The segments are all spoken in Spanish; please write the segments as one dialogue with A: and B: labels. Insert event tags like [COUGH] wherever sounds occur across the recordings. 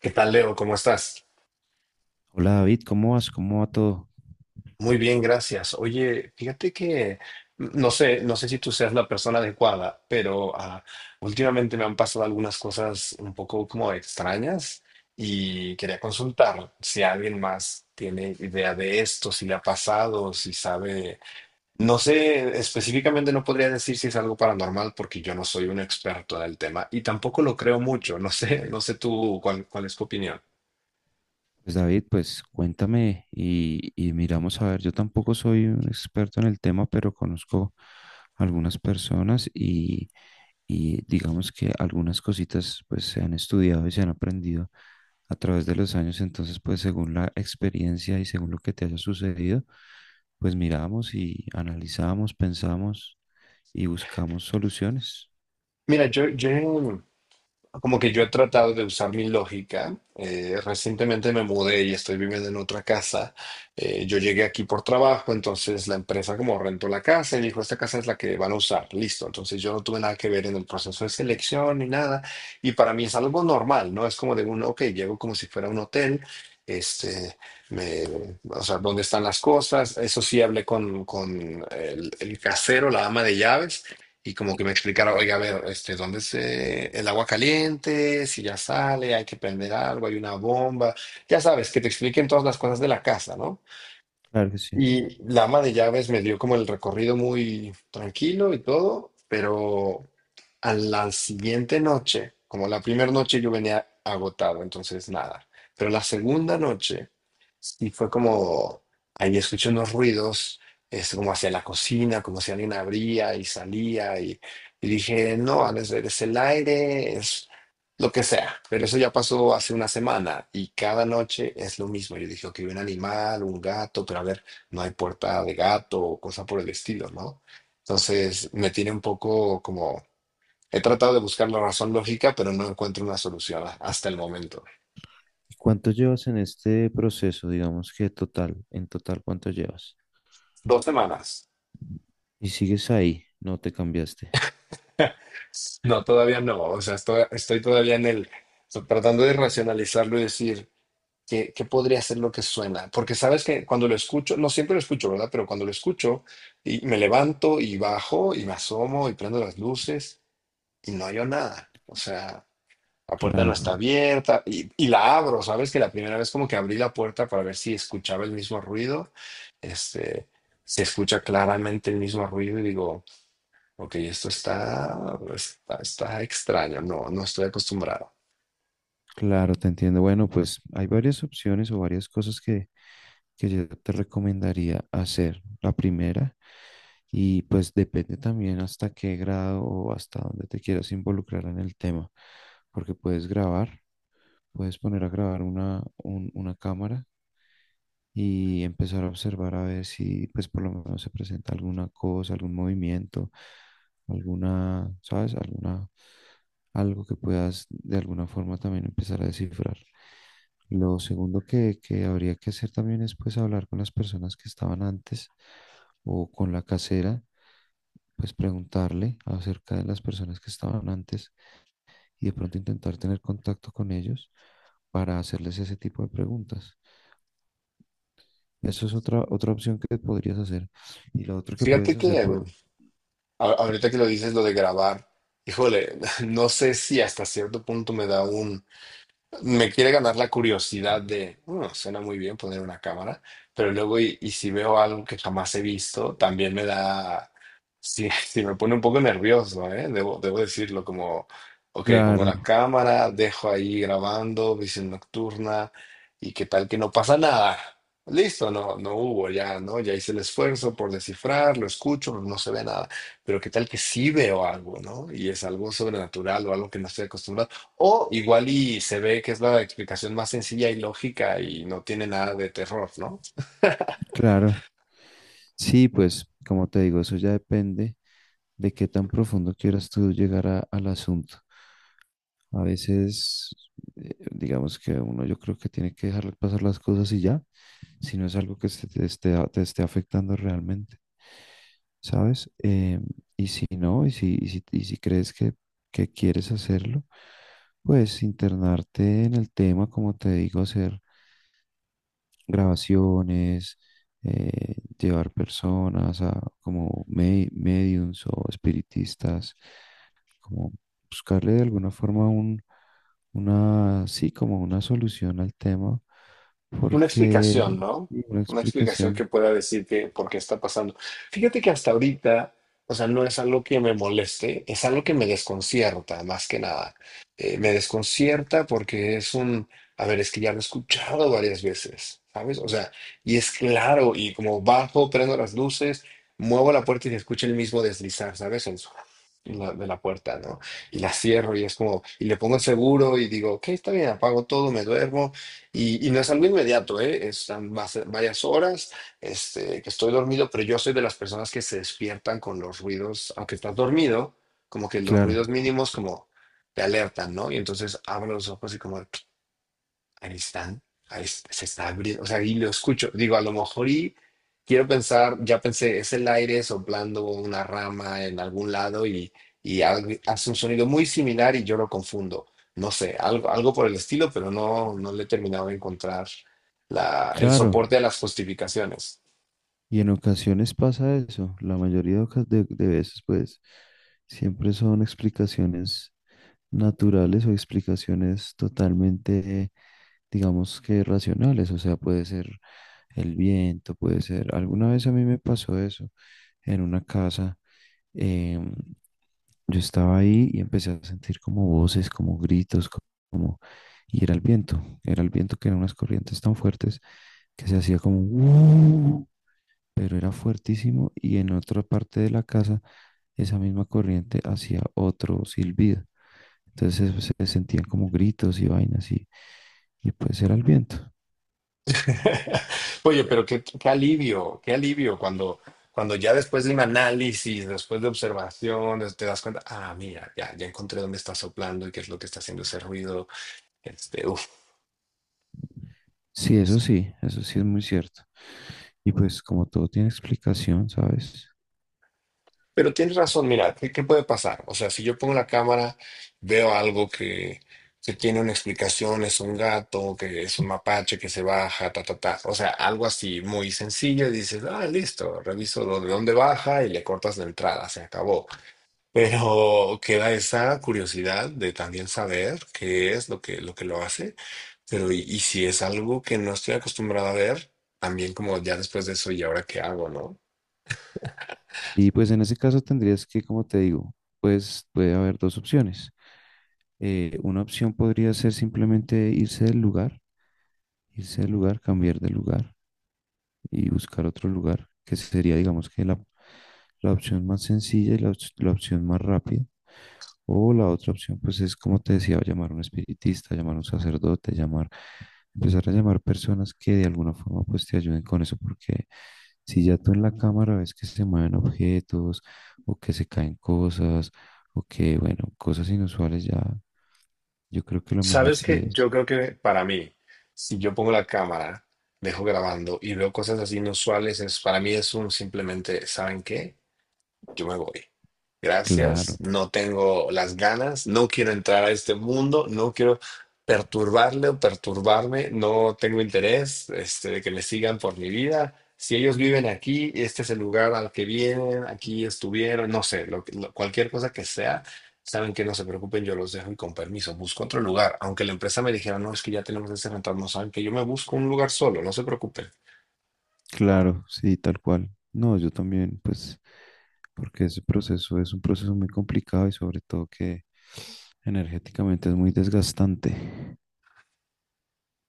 A: ¿Qué tal, Leo? ¿Cómo estás?
B: Hola David, ¿cómo vas? ¿Cómo va todo?
A: Muy bien, gracias. Oye, fíjate que no sé, no sé si tú seas la persona adecuada, pero últimamente me han pasado algunas cosas un poco como extrañas y quería consultar si alguien más tiene idea de esto, si le ha pasado, si sabe. No sé, específicamente no podría decir si es algo paranormal porque yo no soy un experto en el tema y tampoco lo creo mucho. No sé, no sé tú cuál es tu opinión.
B: Pues David, pues cuéntame y miramos a ver, yo tampoco soy un experto en el tema, pero conozco algunas personas y digamos que algunas cositas pues se han estudiado y se han aprendido a través de los años, entonces pues según la experiencia y según lo que te haya sucedido, pues miramos y analizamos, pensamos y buscamos soluciones.
A: Mira, yo como que yo he tratado de usar mi lógica. Recientemente me mudé y estoy viviendo en otra casa. Yo llegué aquí por trabajo, entonces la empresa como rentó la casa y dijo, esta casa es la que van a usar, listo. Entonces yo no tuve nada que ver en el proceso de selección ni nada. Y para mí es algo normal, ¿no? Es como de un, ok, llego como si fuera un hotel. Este, me, o sea, dónde están las cosas. Eso sí, hablé con el casero, la ama de llaves. Y como que me explicara, oiga, a ver, este, ¿dónde es el agua caliente? Si ya sale, hay que prender algo, hay una bomba. Ya sabes, que te expliquen todas las cosas de la casa, ¿no?
B: Claro que sí.
A: Y la ama de llaves me dio como el recorrido muy tranquilo y todo, pero a la siguiente noche, como la primera noche yo venía agotado, entonces nada. Pero la segunda noche sí fue como, ahí escuché unos ruidos, es como hacia la cocina, como si alguien abría y salía, y dije, no, no es, es el aire, es lo que sea. Pero eso ya pasó hace una semana y cada noche es lo mismo. Yo dije, ok, un animal, un gato, pero a ver no hay puerta de gato o cosa por el estilo, ¿no? Entonces me tiene un poco como, he tratado de buscar la razón lógica, pero no encuentro una solución hasta el momento.
B: ¿Y cuánto llevas en este proceso? Digamos que total, en total, ¿cuánto llevas?
A: Dos semanas.
B: Y sigues ahí, no te cambiaste.
A: [LAUGHS] No, todavía no. O sea, estoy, estoy todavía en el, tratando de racionalizarlo y decir, ¿qué, qué podría ser lo que suena? Porque sabes que cuando lo escucho, no siempre lo escucho, ¿verdad? Pero cuando lo escucho, y me levanto y bajo y me asomo y prendo las luces y no hay nada. O sea, la puerta no
B: Claro,
A: está abierta y la abro, ¿sabes? Que la primera vez como que abrí la puerta para ver si escuchaba el mismo ruido, este, se escucha claramente el mismo ruido y digo, ok, esto está, está, está extraño, no, no estoy acostumbrado.
B: claro, te entiendo. Bueno, pues hay varias opciones o varias cosas que yo te recomendaría hacer. La primera, y pues depende también hasta qué grado o hasta dónde te quieras involucrar en el tema, porque puedes grabar, puedes poner a grabar una cámara y empezar a observar a ver si pues por lo menos se presenta alguna cosa, algún movimiento, alguna, ¿sabes? Alguna, algo que puedas de alguna forma también empezar a descifrar. Lo segundo que habría que hacer también es pues hablar con las personas que estaban antes o con la casera, pues preguntarle acerca de las personas que estaban antes y de pronto intentar tener contacto con ellos para hacerles ese tipo de preguntas. Eso es otra, otra opción que podrías hacer. Y lo otro que
A: Fíjate
B: puedes hacer,
A: que
B: pues,
A: ahorita que lo dices, lo de grabar, híjole, [LAUGHS] no sé si hasta cierto punto me da un... Me quiere ganar la curiosidad de, "Mm, suena muy bien poner una cámara, pero luego y si veo algo que jamás he visto, también me da, sí, [LAUGHS] sí me pone un poco nervioso, ¿eh? Debo decirlo como, ok, pongo
B: claro,
A: la cámara, dejo ahí grabando, visión nocturna, y qué tal que no pasa nada. Listo, no, no hubo ya, ¿no? Ya hice el esfuerzo por descifrar, lo escucho, no se ve nada, pero qué tal que sí veo algo, ¿no? Y es algo sobrenatural o algo que no estoy acostumbrado. O igual y se ve que es la explicación más sencilla y lógica y no tiene nada de terror, ¿no?
B: claro. Sí, pues, como te digo, eso ya depende de qué tan profundo quieras tú llegar al asunto. A veces, digamos que uno yo creo que tiene que dejar pasar las cosas y ya, si no es algo que se te esté, te esté afectando realmente, ¿sabes? Y si no, y si crees que quieres hacerlo, pues internarte en el tema, como te digo, hacer grabaciones, llevar personas a como mediums o espiritistas, como buscarle de alguna forma una, sí, como una solución al tema,
A: Una
B: porque
A: explicación, ¿no?
B: sí, una
A: Una explicación que
B: explicación,
A: pueda decir que por qué está pasando. Fíjate que hasta ahorita, o sea, no es algo que me moleste, es algo que me desconcierta, más que nada. Me desconcierta porque es un, a ver, es que ya lo he escuchado varias veces, ¿sabes? O sea, y es claro, y como bajo, prendo las luces, muevo la puerta y se escucha el mismo deslizar, ¿sabes? El de la puerta, ¿no? Y la cierro y es como, y le pongo el seguro y digo, ok, está bien, apago todo, me duermo y no es algo inmediato, ¿eh? Es va a ser varias horas, este, que estoy dormido, pero yo soy de las personas que se despiertan con los ruidos, aunque estás dormido, como que los ruidos
B: claro,
A: mínimos como te alertan, ¿no? Y entonces abro los ojos y como, ahí están, ahí se está abriendo, o sea, y lo escucho, digo, a lo mejor y quiero pensar, ya pensé, es el aire soplando una rama en algún lado y hace un sonido muy similar y yo lo confundo, no sé, algo por el estilo, pero no, no le he terminado de encontrar la, el
B: claro,
A: soporte a las justificaciones.
B: y en ocasiones pasa eso, la mayoría de, oca- de veces pues siempre son explicaciones naturales o explicaciones totalmente digamos que racionales, o sea, puede ser el viento, puede ser, alguna vez a mí me pasó eso en una casa, em, yo estaba ahí y empecé a sentir como voces, como gritos, como, y era el viento que eran unas corrientes tan fuertes que se hacía como, pero era fuertísimo y en otra parte de la casa esa misma corriente hacía otro silbido. Entonces se sentían como gritos y vainas y pues era el viento.
A: [LAUGHS] Oye, pero qué, qué alivio cuando, cuando ya después de un análisis, después de observaciones, te das cuenta, ah, mira, ya, ya encontré dónde está soplando y qué es lo que está haciendo ese ruido. Este, uf.
B: Sí, eso sí, eso sí es muy cierto. Y pues como todo tiene explicación, ¿sabes?
A: Pero tienes razón, mira, ¿qué, qué puede pasar? O sea, si yo pongo la cámara, veo algo que tiene una explicación, es un gato, que es un mapache que se baja, ta, ta, ta. O sea, algo así muy sencillo y dices, ah, listo, reviso de dónde baja y le cortas la entrada, se acabó. Pero queda esa curiosidad de también saber qué es lo que, lo que lo hace, pero y si es algo que no estoy acostumbrado a ver, también como ya después de eso, ¿y ahora qué hago, no?
B: Y pues en ese caso tendrías que, como te digo, pues puede haber dos opciones. Una opción podría ser simplemente irse del lugar, cambiar de lugar y buscar otro lugar, que sería, digamos, que la opción más sencilla y la opción más rápida. O la otra opción, pues es como te decía, llamar a un espiritista, llamar a un sacerdote, llamar, empezar a llamar personas que de alguna forma pues te ayuden con eso, porque si ya tú en la cámara ves que se mueven objetos o que se caen cosas o que, bueno, cosas inusuales ya, yo creo que lo mejor
A: Sabes
B: sí
A: que
B: es.
A: yo creo que para mí, si yo pongo la cámara, dejo grabando y veo cosas así inusuales, es, para mí es un simplemente, ¿saben qué? Yo me voy. Gracias,
B: Claro,
A: no tengo las ganas, no quiero entrar a este mundo, no quiero perturbarle o perturbarme, no tengo interés, este, de que me sigan por mi vida. Si ellos viven aquí, este es el lugar al que vienen, aquí estuvieron, no sé, cualquier cosa que sea, saben que no se preocupen, yo los dejo y con permiso busco otro lugar. Aunque la empresa me dijera, no, es que ya tenemos ese rental, no saben que yo me busco un lugar solo, no se preocupen.
B: claro, sí, tal cual. No, yo también, pues, porque ese proceso es un proceso muy complicado y sobre todo que energéticamente es muy desgastante.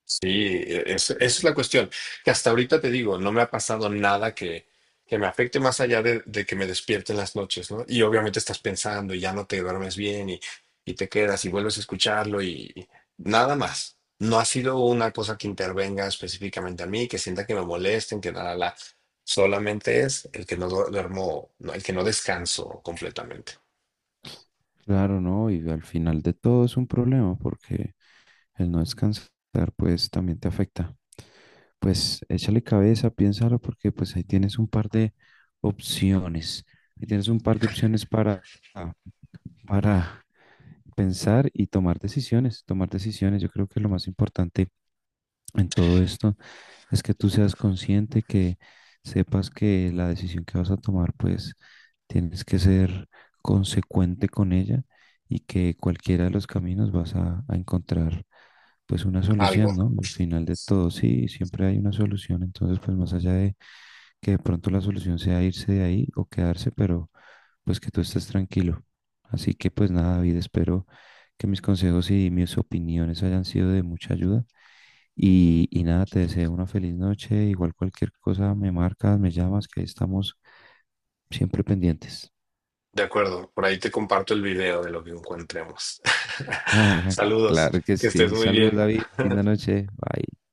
A: Sí, esa
B: Eh,
A: es la cuestión. Que hasta ahorita te digo, no me ha pasado nada que, que me afecte más allá de que me despierte en las noches, ¿no? Y obviamente estás pensando y ya no te duermes bien y te quedas y vuelves a escucharlo y nada más. No ha sido una cosa que intervenga específicamente a mí, que sienta que me molesten, que nada, la, solamente es el que no duermo, no, el que no descanso completamente.
B: Claro, ¿no? Y al final de todo es un problema porque el no descansar, pues, también te afecta. Pues échale cabeza, piénsalo, porque pues ahí tienes un par de opciones. Ahí tienes un par de opciones para pensar y tomar decisiones. Tomar decisiones, yo creo que es lo más importante en todo esto es que tú seas consciente, que sepas que la decisión que vas a tomar, pues tienes que ser consecuente con ella y que cualquiera de los caminos vas a encontrar pues una
A: Algo.
B: solución, ¿no? Al final de todo, sí, siempre hay una solución, entonces pues más allá de que de pronto la solución sea irse de ahí o quedarse, pero pues que tú estés tranquilo. Así que pues nada, David, espero que mis consejos y mis opiniones hayan sido de mucha ayuda y nada, te deseo una feliz noche. Igual cualquier cosa me marcas, me llamas, que ahí estamos siempre pendientes.
A: De acuerdo, por ahí te comparto el video de lo que encontremos. [LAUGHS]
B: [LAUGHS]
A: Saludos,
B: Claro que
A: que estés
B: sí.
A: muy
B: Saludos,
A: bien.
B: David. Linda
A: [LAUGHS]
B: noche. Bye.